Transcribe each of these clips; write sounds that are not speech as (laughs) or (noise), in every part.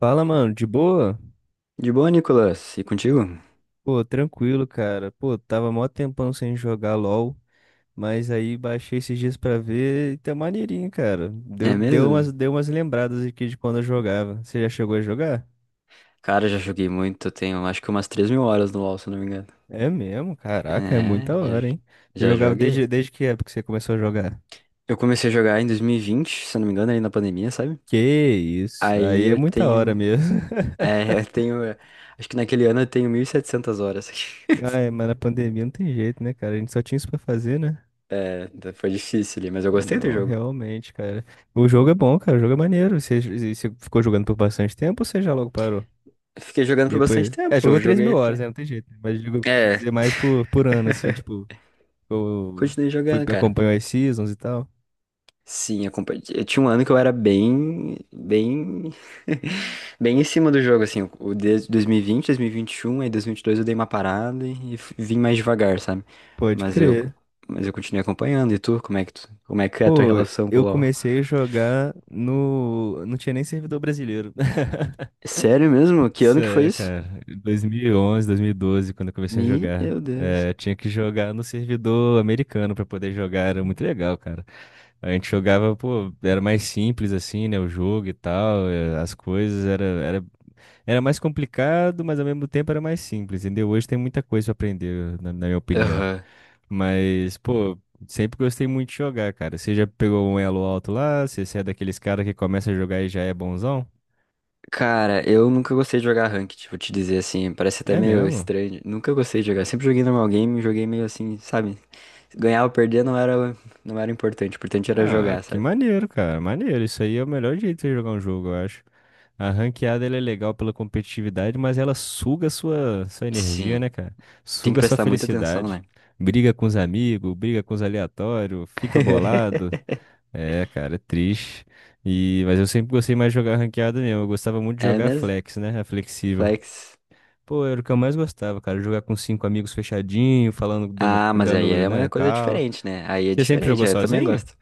Fala, mano, de boa? De boa, Nicolas? E contigo? Pô, tranquilo, cara. Pô, tava mó tempão sem jogar LOL, mas aí baixei esses dias pra ver e tá maneirinho, cara. Deu, É deu mesmo? umas, deu umas lembradas aqui de quando eu jogava. Você já chegou a jogar? Cara, já joguei muito, tenho acho que umas 3.000 horas no LoL, se eu não me engano. É mesmo? Caraca, é É, muita hora, já, hein? Você já jogava joguei. desde que época que você começou a jogar? Eu comecei a jogar em 2020, se eu não me engano, aí na pandemia, sabe? Que isso, Aí aí é eu muita hora tenho. mesmo. (laughs) É, (laughs) eu tenho. É, Acho que naquele ano eu tenho 1.700 horas. Ah, é, (laughs) mas na pandemia não tem jeito, né, cara? A gente só tinha isso pra fazer, né? É, então foi difícil ali, mas eu gostei do Não, jogo. realmente, cara. O jogo é bom, cara. O jogo é maneiro. E você ficou jogando por bastante tempo ou você já logo parou? Fiquei jogando por bastante Depois. É, tempo, jogou eu três joguei mil horas, até. né? Não tem jeito. Né? Mas digo, eu quis É, dizer mais por ano, assim, (laughs) tipo, eu Continuei foi, jogando, cara. acompanhou as seasons e tal. Eu tinha um ano que eu era bem, bem, (laughs) bem em cima do jogo, assim, o de 2020, 2021, aí 2022 eu dei uma parada e vim mais devagar, sabe? Pode Mas eu, crer. mas eu continuei acompanhando. E tu, como é que é a tua Pô, relação com o eu LoL? comecei a jogar no. Não tinha nem servidor brasileiro. (laughs) Sério mesmo? Que ano que foi Sério, isso? cara. 2011, 2012, quando eu comecei a jogar. Meu Deus. É, eu tinha que jogar no servidor americano pra poder jogar. Era muito legal, cara. A gente jogava, pô, era mais simples assim, né? O jogo e tal, é, as coisas. Era mais complicado, mas ao mesmo tempo era mais simples, entendeu? Hoje tem muita coisa pra aprender, na minha opinião. Aham. Mas, pô, sempre gostei muito de jogar, cara. Você já pegou um elo alto lá? Você é daqueles caras que começa a jogar e já é bonzão? Cara, eu nunca gostei de jogar ranked, vou te dizer assim, parece até É meio mesmo? estranho. Nunca gostei de jogar, sempre joguei normal game, joguei meio assim, sabe? Ganhar ou perder não era, não era importante, o importante era Ah, jogar, que sabe? maneiro, cara. Maneiro. Isso aí é o melhor jeito de jogar um jogo, eu acho. A ranqueada ela é legal pela competitividade, mas ela suga sua energia, Sim, né, cara? tem que Suga sua prestar muita atenção, felicidade. né? Briga com os amigos, briga com os aleatórios, fica bolado. (laughs) É, cara, é triste. E, mas eu sempre gostei mais de jogar ranqueada mesmo. Eu gostava muito de É jogar mesmo? flex, né? A flexível. Flex. Pô, era o que eu mais gostava, cara. Jogar com cinco amigos fechadinho, falando, dando, Ah, mas aí dando, é né, uma coisa cal. diferente, né? Aí é Você sempre diferente, jogou aí eu também sozinho? gosto.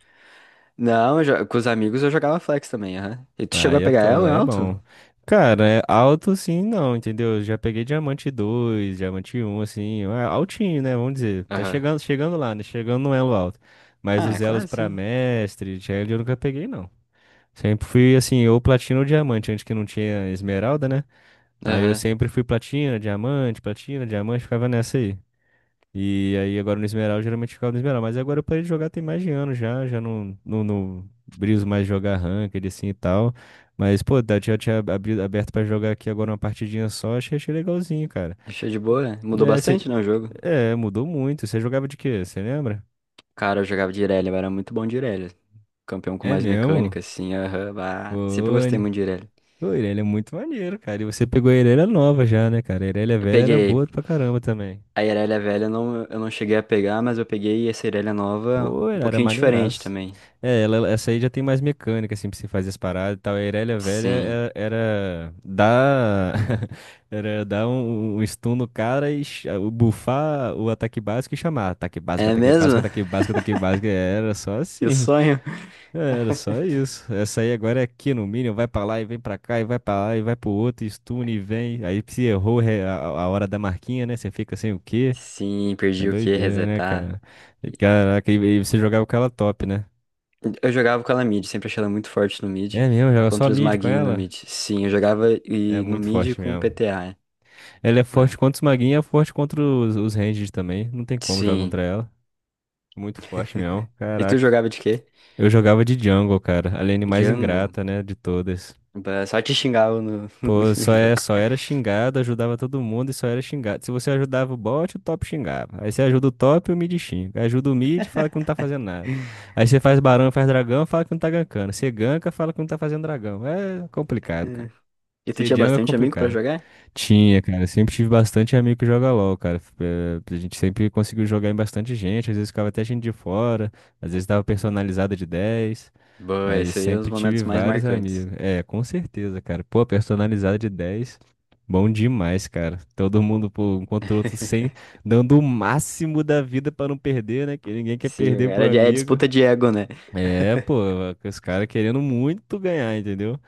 Não, com os amigos eu jogava flex também, aham. E tu chegou a Aí é pegar top, ela aí é alto? bom. Cara, é alto sim, não, entendeu? Já peguei diamante 2, diamante um, assim, é altinho, né? Vamos dizer. Tá Aham. chegando lá, né? Chegando no elo alto. Mas Ah, é os elos quase pra sim. mestre, challenge, eu nunca peguei, não. Sempre fui, assim, ou platina ou diamante, antes que não tinha esmeralda, né? Aí eu Aham. sempre fui platina, diamante, ficava nessa aí. E aí agora no Esmeral, eu geralmente ficava no Esmeral. Mas agora eu parei de jogar tem mais de ano já não, não briso mais jogar ranked assim e tal. Mas, pô, já tinha aberto pra jogar aqui agora uma partidinha só, achei legalzinho, cara. Achei de boa. Mudou É, bastante, né, o jogo? Mudou muito. Você jogava de quê? Você lembra? Cara, eu jogava de Irelia, eu era muito bom de Irelia. Campeão com É mais mecânica, mesmo? assim, aham. Bah. Sempre gostei Foi. muito de Irelia. Pô, Irelia é muito maneiro, cara. E você pegou a Irelia nova já, né, cara? A Irelia Eu velha era peguei. boa pra caramba também. A Irelia velha não, eu não cheguei a pegar, mas eu peguei essa Irelia nova Pô, um era pouquinho diferente maneiraço. também. É, essa aí já tem mais mecânica, assim, pra você fazer as paradas e tal. A Irelia Velha Sim. Era, dar. (laughs) Era dar um stun no cara e bufar o ataque básico e chamar. Ataque básico, É ataque mesmo? básico, ataque (laughs) básico, ataque básico. É, era só Eu assim. (laughs) sonho. É, era só isso. Essa aí agora é aqui no Minion, vai pra lá e vem pra cá, e vai pra lá e vai pro outro, e stun e vem. Aí se errou a hora da marquinha, né? Você fica assim, o quê? Sim, É perdi o que doideira, né, Resetar. cara? E, caraca, e você jogava com ela top, né? Eu jogava com ela mid, sempre achei ela muito forte no mid, É mesmo, joga só contra os mid com maguinhos no ela? mid. Sim, eu jogava É e no muito mid forte com mesmo. PTA. Ela é forte Bah. contra os maguinhos, é forte contra os ranged também. Não tem como jogar Sim. contra ela. Muito forte mesmo. E tu Caraca. jogava de quê? Eu jogava de jungle, cara. A lane mais Django? ingrata, né, de todas. Bah, só te xingava no, (laughs) Pô, no jogo. só era xingado, ajudava todo mundo e só era xingado. Se você ajudava o bot, o top xingava. Aí você ajuda o top, o mid xinga. Aí ajuda o mid, fala que não tá fazendo nada. Aí você faz barão, faz dragão, fala que não tá gankando. Você ganka, fala que não tá fazendo dragão. É complicado, cara. É. E tu Ser tinha jungle é bastante amigo pra complicado. jogar? Tinha, cara. Eu sempre tive bastante amigo que joga LOL, cara. A gente sempre conseguiu jogar em bastante gente. Às vezes ficava até gente de fora. Às vezes dava personalizada de 10. Boa, Mas esse aí é um dos sempre tive momentos mais vários marcantes. amigos. É, com certeza, cara. Pô, personalizada de 10. Bom demais, cara. Todo mundo, pô, um contra o outro sem, (laughs) dando o máximo da vida pra não perder, né? Que ninguém quer Sim, perder pro é amigo. disputa de ego, né? É, pô, (laughs) os caras querendo muito ganhar, entendeu?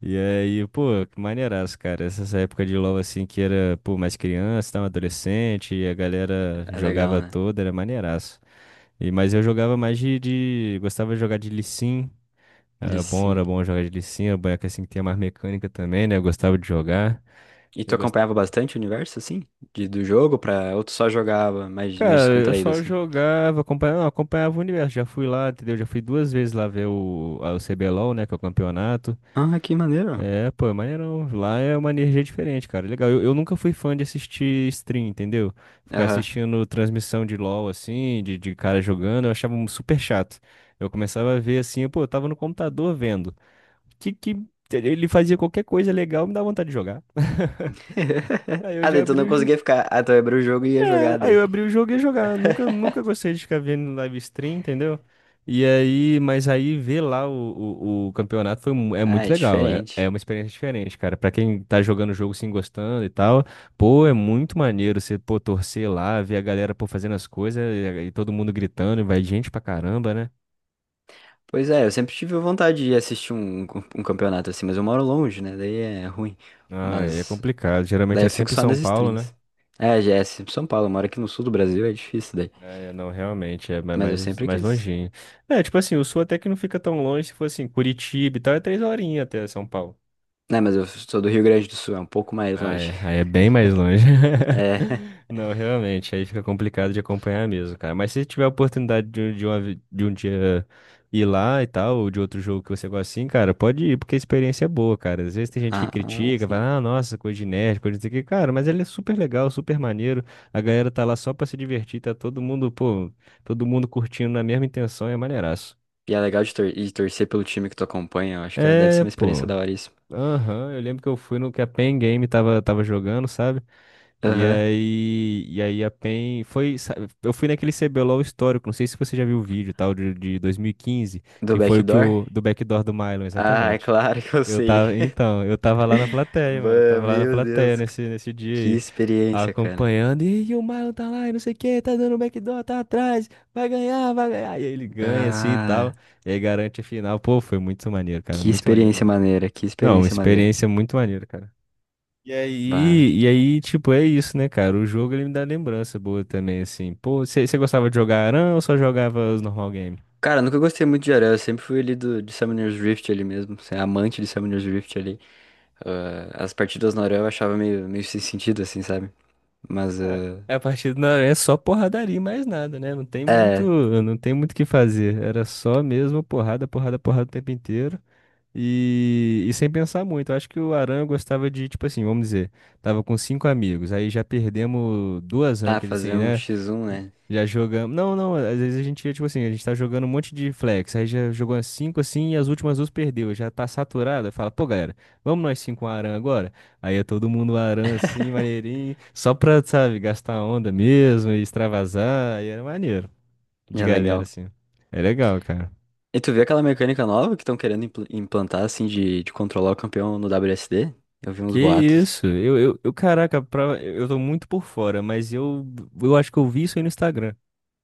E aí, pô, que maneiraço, cara. Essas épocas de LoL, assim, que era, pô, mais criança, tava adolescente, e a galera É legal, jogava né? toda, era maneiraço. E, mas eu jogava mais gostava de jogar de Lee Sin. Ele sim. Era bom jogar de Lee Sin. Era boneco, assim, que tinha mais mecânica também, né? Eu gostava de jogar. E Eu tu gost... acompanhava bastante o universo, assim? De, do jogo pra... Ou tu só jogava mais Cara, eu descontraído, só assim? jogava, acompanhava, não, acompanhava o universo. Já fui lá, entendeu? Já fui duas vezes lá ver o CBLOL, né? Que é o campeonato. Ah, que maneiro. É, pô, é maneirão. Lá é uma energia diferente, cara. Legal. Eu nunca fui fã de assistir stream, entendeu? Ficar Aham. assistindo transmissão de LoL, assim, de cara jogando, eu achava um super chato. Eu começava a ver assim, pô, eu tava no computador vendo. Que ele fazia qualquer coisa legal, me dá vontade de jogar. (laughs) (laughs) Aí eu Ah, já daí tu não abri, conseguia ficar... Ah, tu abriu o jogo e ia é, jogar aí daí. eu abri o jogo e ia jogar. Nunca, (laughs) nunca gostei de ficar vendo live stream, entendeu? E aí, mas aí ver lá o campeonato é Ah, muito é legal. É diferente. uma experiência diferente, cara. Pra quem tá jogando o jogo, sim, gostando e tal, pô, é muito maneiro você, pô, torcer lá, ver a galera, pô, fazendo as coisas e todo mundo gritando, e vai gente pra caramba, né? Pois é, eu sempre tive vontade de assistir um campeonato assim, mas eu moro longe, né? Daí é ruim. Ah, aí é Mas complicado. Geralmente daí é eu fico sempre em só São nas Paulo, né? streams. É, já é sempre São Paulo, eu moro aqui no sul do Brasil, é difícil daí. É, não, realmente, é Mas eu mais, sempre mais quis. longinho. É, tipo assim, o Sul até que não fica tão longe, se for assim, Curitiba e tal, é 3 horinhas até São Paulo. Né, mas eu sou do Rio Grande do Sul, é um pouco mais Ah, longe. é. Aí é bem mais longe. É. (laughs) (laughs) Não, realmente, aí fica complicado de acompanhar mesmo, cara. Mas se tiver a oportunidade de uma vi- de um dia ir lá e tal, ou de outro jogo que você gosta assim, cara, pode ir, porque a experiência é boa, cara. Às vezes tem gente que Ah, critica, sim. fala, ah, nossa, coisa de nerd, coisa de que, cara, mas ele é super legal, super maneiro. A galera tá lá só pra se divertir, tá todo mundo, pô, todo mundo curtindo na mesma intenção, é maneiraço. E é legal de, de torcer pelo time que tu acompanha, eu acho que deve ser É, uma experiência pô. da hora isso. Aham, eu lembro que eu fui no que a Pen Game tava jogando, sabe? E Aham. aí, e aí a PEN foi, eu fui naquele CBLOL histórico, não sei se você já viu o vídeo, tal, de 2015 Do que foi o que backdoor? o do backdoor do Mylon, Ah, (laughs) é exatamente. claro que eu Eu sei. tava, (laughs) então, eu tava lá na plateia, mano, eu Bah, tava lá na Meu plateia Deus, nesse que dia aí, experiência, cara. acompanhando, o Mylon tá lá, e não sei o que, tá dando backdoor, tá atrás, vai ganhar, vai ganhar. E aí ele ganha assim e Cara, tal, e aí garante a final. Pô, foi muito maneiro, cara, que muito maneiro experiência mesmo. maneira, que Não, uma experiência maneira. experiência muito maneira, cara. E Bah. aí, e aí, tipo, é isso, né, cara? O jogo ele me dá lembrança boa também, assim. Pô, você gostava de jogar Aran ou só jogava os normal game? Cara, eu nunca gostei muito de Aranha, eu sempre fui ali do, de Summoner's Rift ali mesmo, assim, amante de Summoner's Rift ali. Ah, as partidas no Aranha eu achava meio sem sentido, assim, sabe? Mas Ah, eh, a partir do Aran é só porradaria e mais nada, né? Não tem muito, é, não tem muito o que fazer. Era só mesmo porrada, porrada, porrada o tempo inteiro. E sem pensar muito, eu acho que o Aran gostava de, tipo assim, vamos dizer, tava com cinco amigos, aí já perdemos duas ancas, assim, fazer um né? x1, né? Já jogamos. Não, não, às vezes a gente, ia tipo assim, a gente tá jogando um monte de flex, aí já jogou as cinco assim e as últimas duas perdeu, já tá saturada. Fala, pô, galera, vamos nós cinco um Aran agora? Aí é todo mundo Aran assim, maneirinho, só pra, sabe, gastar onda mesmo e extravasar, aí era maneiro, de É galera legal. assim. É legal, cara. E tu viu aquela mecânica nova que estão querendo implantar, assim, de controlar o campeão no WSD? Eu vi uns Que boatos. isso? Eu caraca, eu tô muito por fora, mas eu acho que eu vi isso aí no Instagram.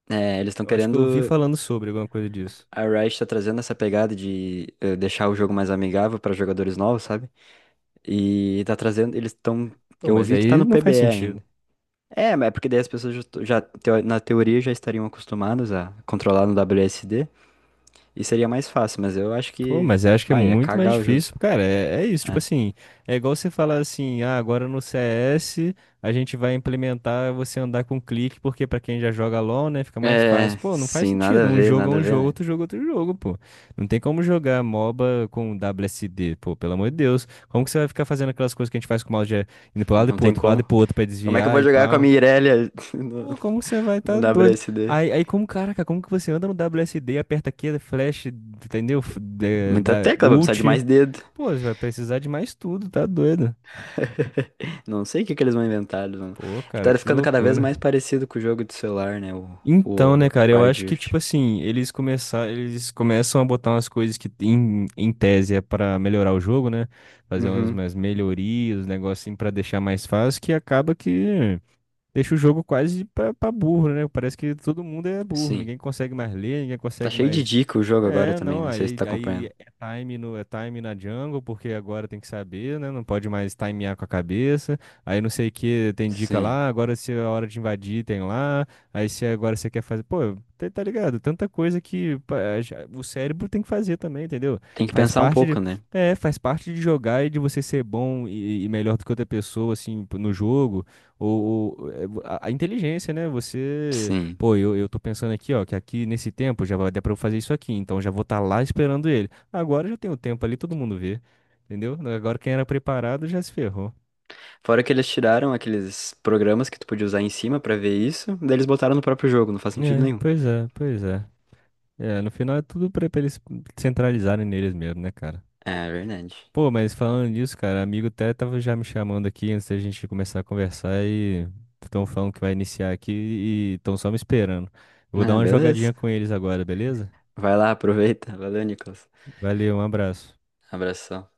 É, eles estão Eu acho que eu vi querendo. falando sobre alguma coisa disso. A Riot tá trazendo essa pegada de deixar o jogo mais amigável para jogadores novos, sabe? E tá trazendo. Eles estão. Pô, Eu mas ouvi que tá aí no não faz PBE ainda. sentido. É, mas é porque daí as pessoas já, to- já teo- na teoria já estariam acostumadas a controlar no WSD e seria mais fácil, mas eu acho Pô, que. mas eu acho que é Vai, ia muito mais cagar o jogo. difícil, cara. É isso, tipo É. assim, é igual você falar assim, ah, agora no CS a gente vai implementar você andar com clique, porque pra quem já joga LoL, né, fica mais fácil. É, Pô, não faz sim, nada a sentido. Um ver, jogo é nada a um ver, jogo, né? outro jogo é outro jogo, pô. Não tem como jogar MOBA com WSD, pô, pelo amor de Deus. Como que você vai ficar fazendo aquelas coisas que a gente faz com o mouse de indo pro lado e Não pro tem outro, pro lado e como. pro outro pra Como é que eu desviar vou e jogar com a pau? Mirelia Pô, (laughs) como você vai tá no doido? WSD? Aí como, caraca, como que você anda no WSD, aperta aqui, flash, entendeu? Muita Da tecla, vai precisar de ult. mais dedo. Pô, você vai precisar de mais tudo, tá doido? Não sei o que que eles vão inventar. Pô, cara, Tá que ficando cada vez loucura. mais parecido com o jogo de celular, né? Então, né, O cara, eu acho Riot que, Rift. tipo assim, eles começam a botar umas coisas que em tese é pra melhorar o jogo, né? Fazer umas, Uhum, umas melhorias, negócio assim pra deixar mais fácil, que acaba que deixa o jogo quase pra burro, né? Parece que todo mundo é burro, sim. ninguém consegue mais ler, ninguém Tá consegue cheio de mais. dica o jogo agora É, também, não, não sei se aí, tá aí acompanhando. é time no, é time na jungle, porque agora tem que saber, né? Não pode mais timear com a cabeça. Aí não sei o que, tem dica Sim. lá, agora se é a hora de invadir, tem lá. Aí se agora você quer fazer. Pô, tá, tá ligado? Tanta coisa que pá, o cérebro tem que fazer também, entendeu? Tem que Faz pensar um parte de. pouco, né? É, faz parte de jogar e de você ser bom e melhor do que outra pessoa, assim, no jogo. Ou, a inteligência, né? Você. Sim. Pô, eu tô pensando aqui, ó, que aqui nesse tempo já vai dar pra eu fazer isso aqui, então já vou estar lá esperando ele. Agora já tem o tempo ali, todo mundo vê, entendeu? Agora quem era preparado já se ferrou. Fora que eles tiraram aqueles programas que tu podia usar em cima pra ver isso, daí eles botaram no próprio jogo, não faz sentido É, nenhum. pois é, pois é. É, no final é tudo pra eles centralizarem neles mesmo, né, cara? É verdade. Pô, mas falando nisso, cara, amigo até tava já me chamando aqui antes da gente começar a conversar e estão falando que vai iniciar aqui e estão só me esperando. Eu vou dar Ah, uma beleza. jogadinha com eles agora, beleza? Vai lá, aproveita. Valeu, Nicolas. Valeu, um abraço. Abração.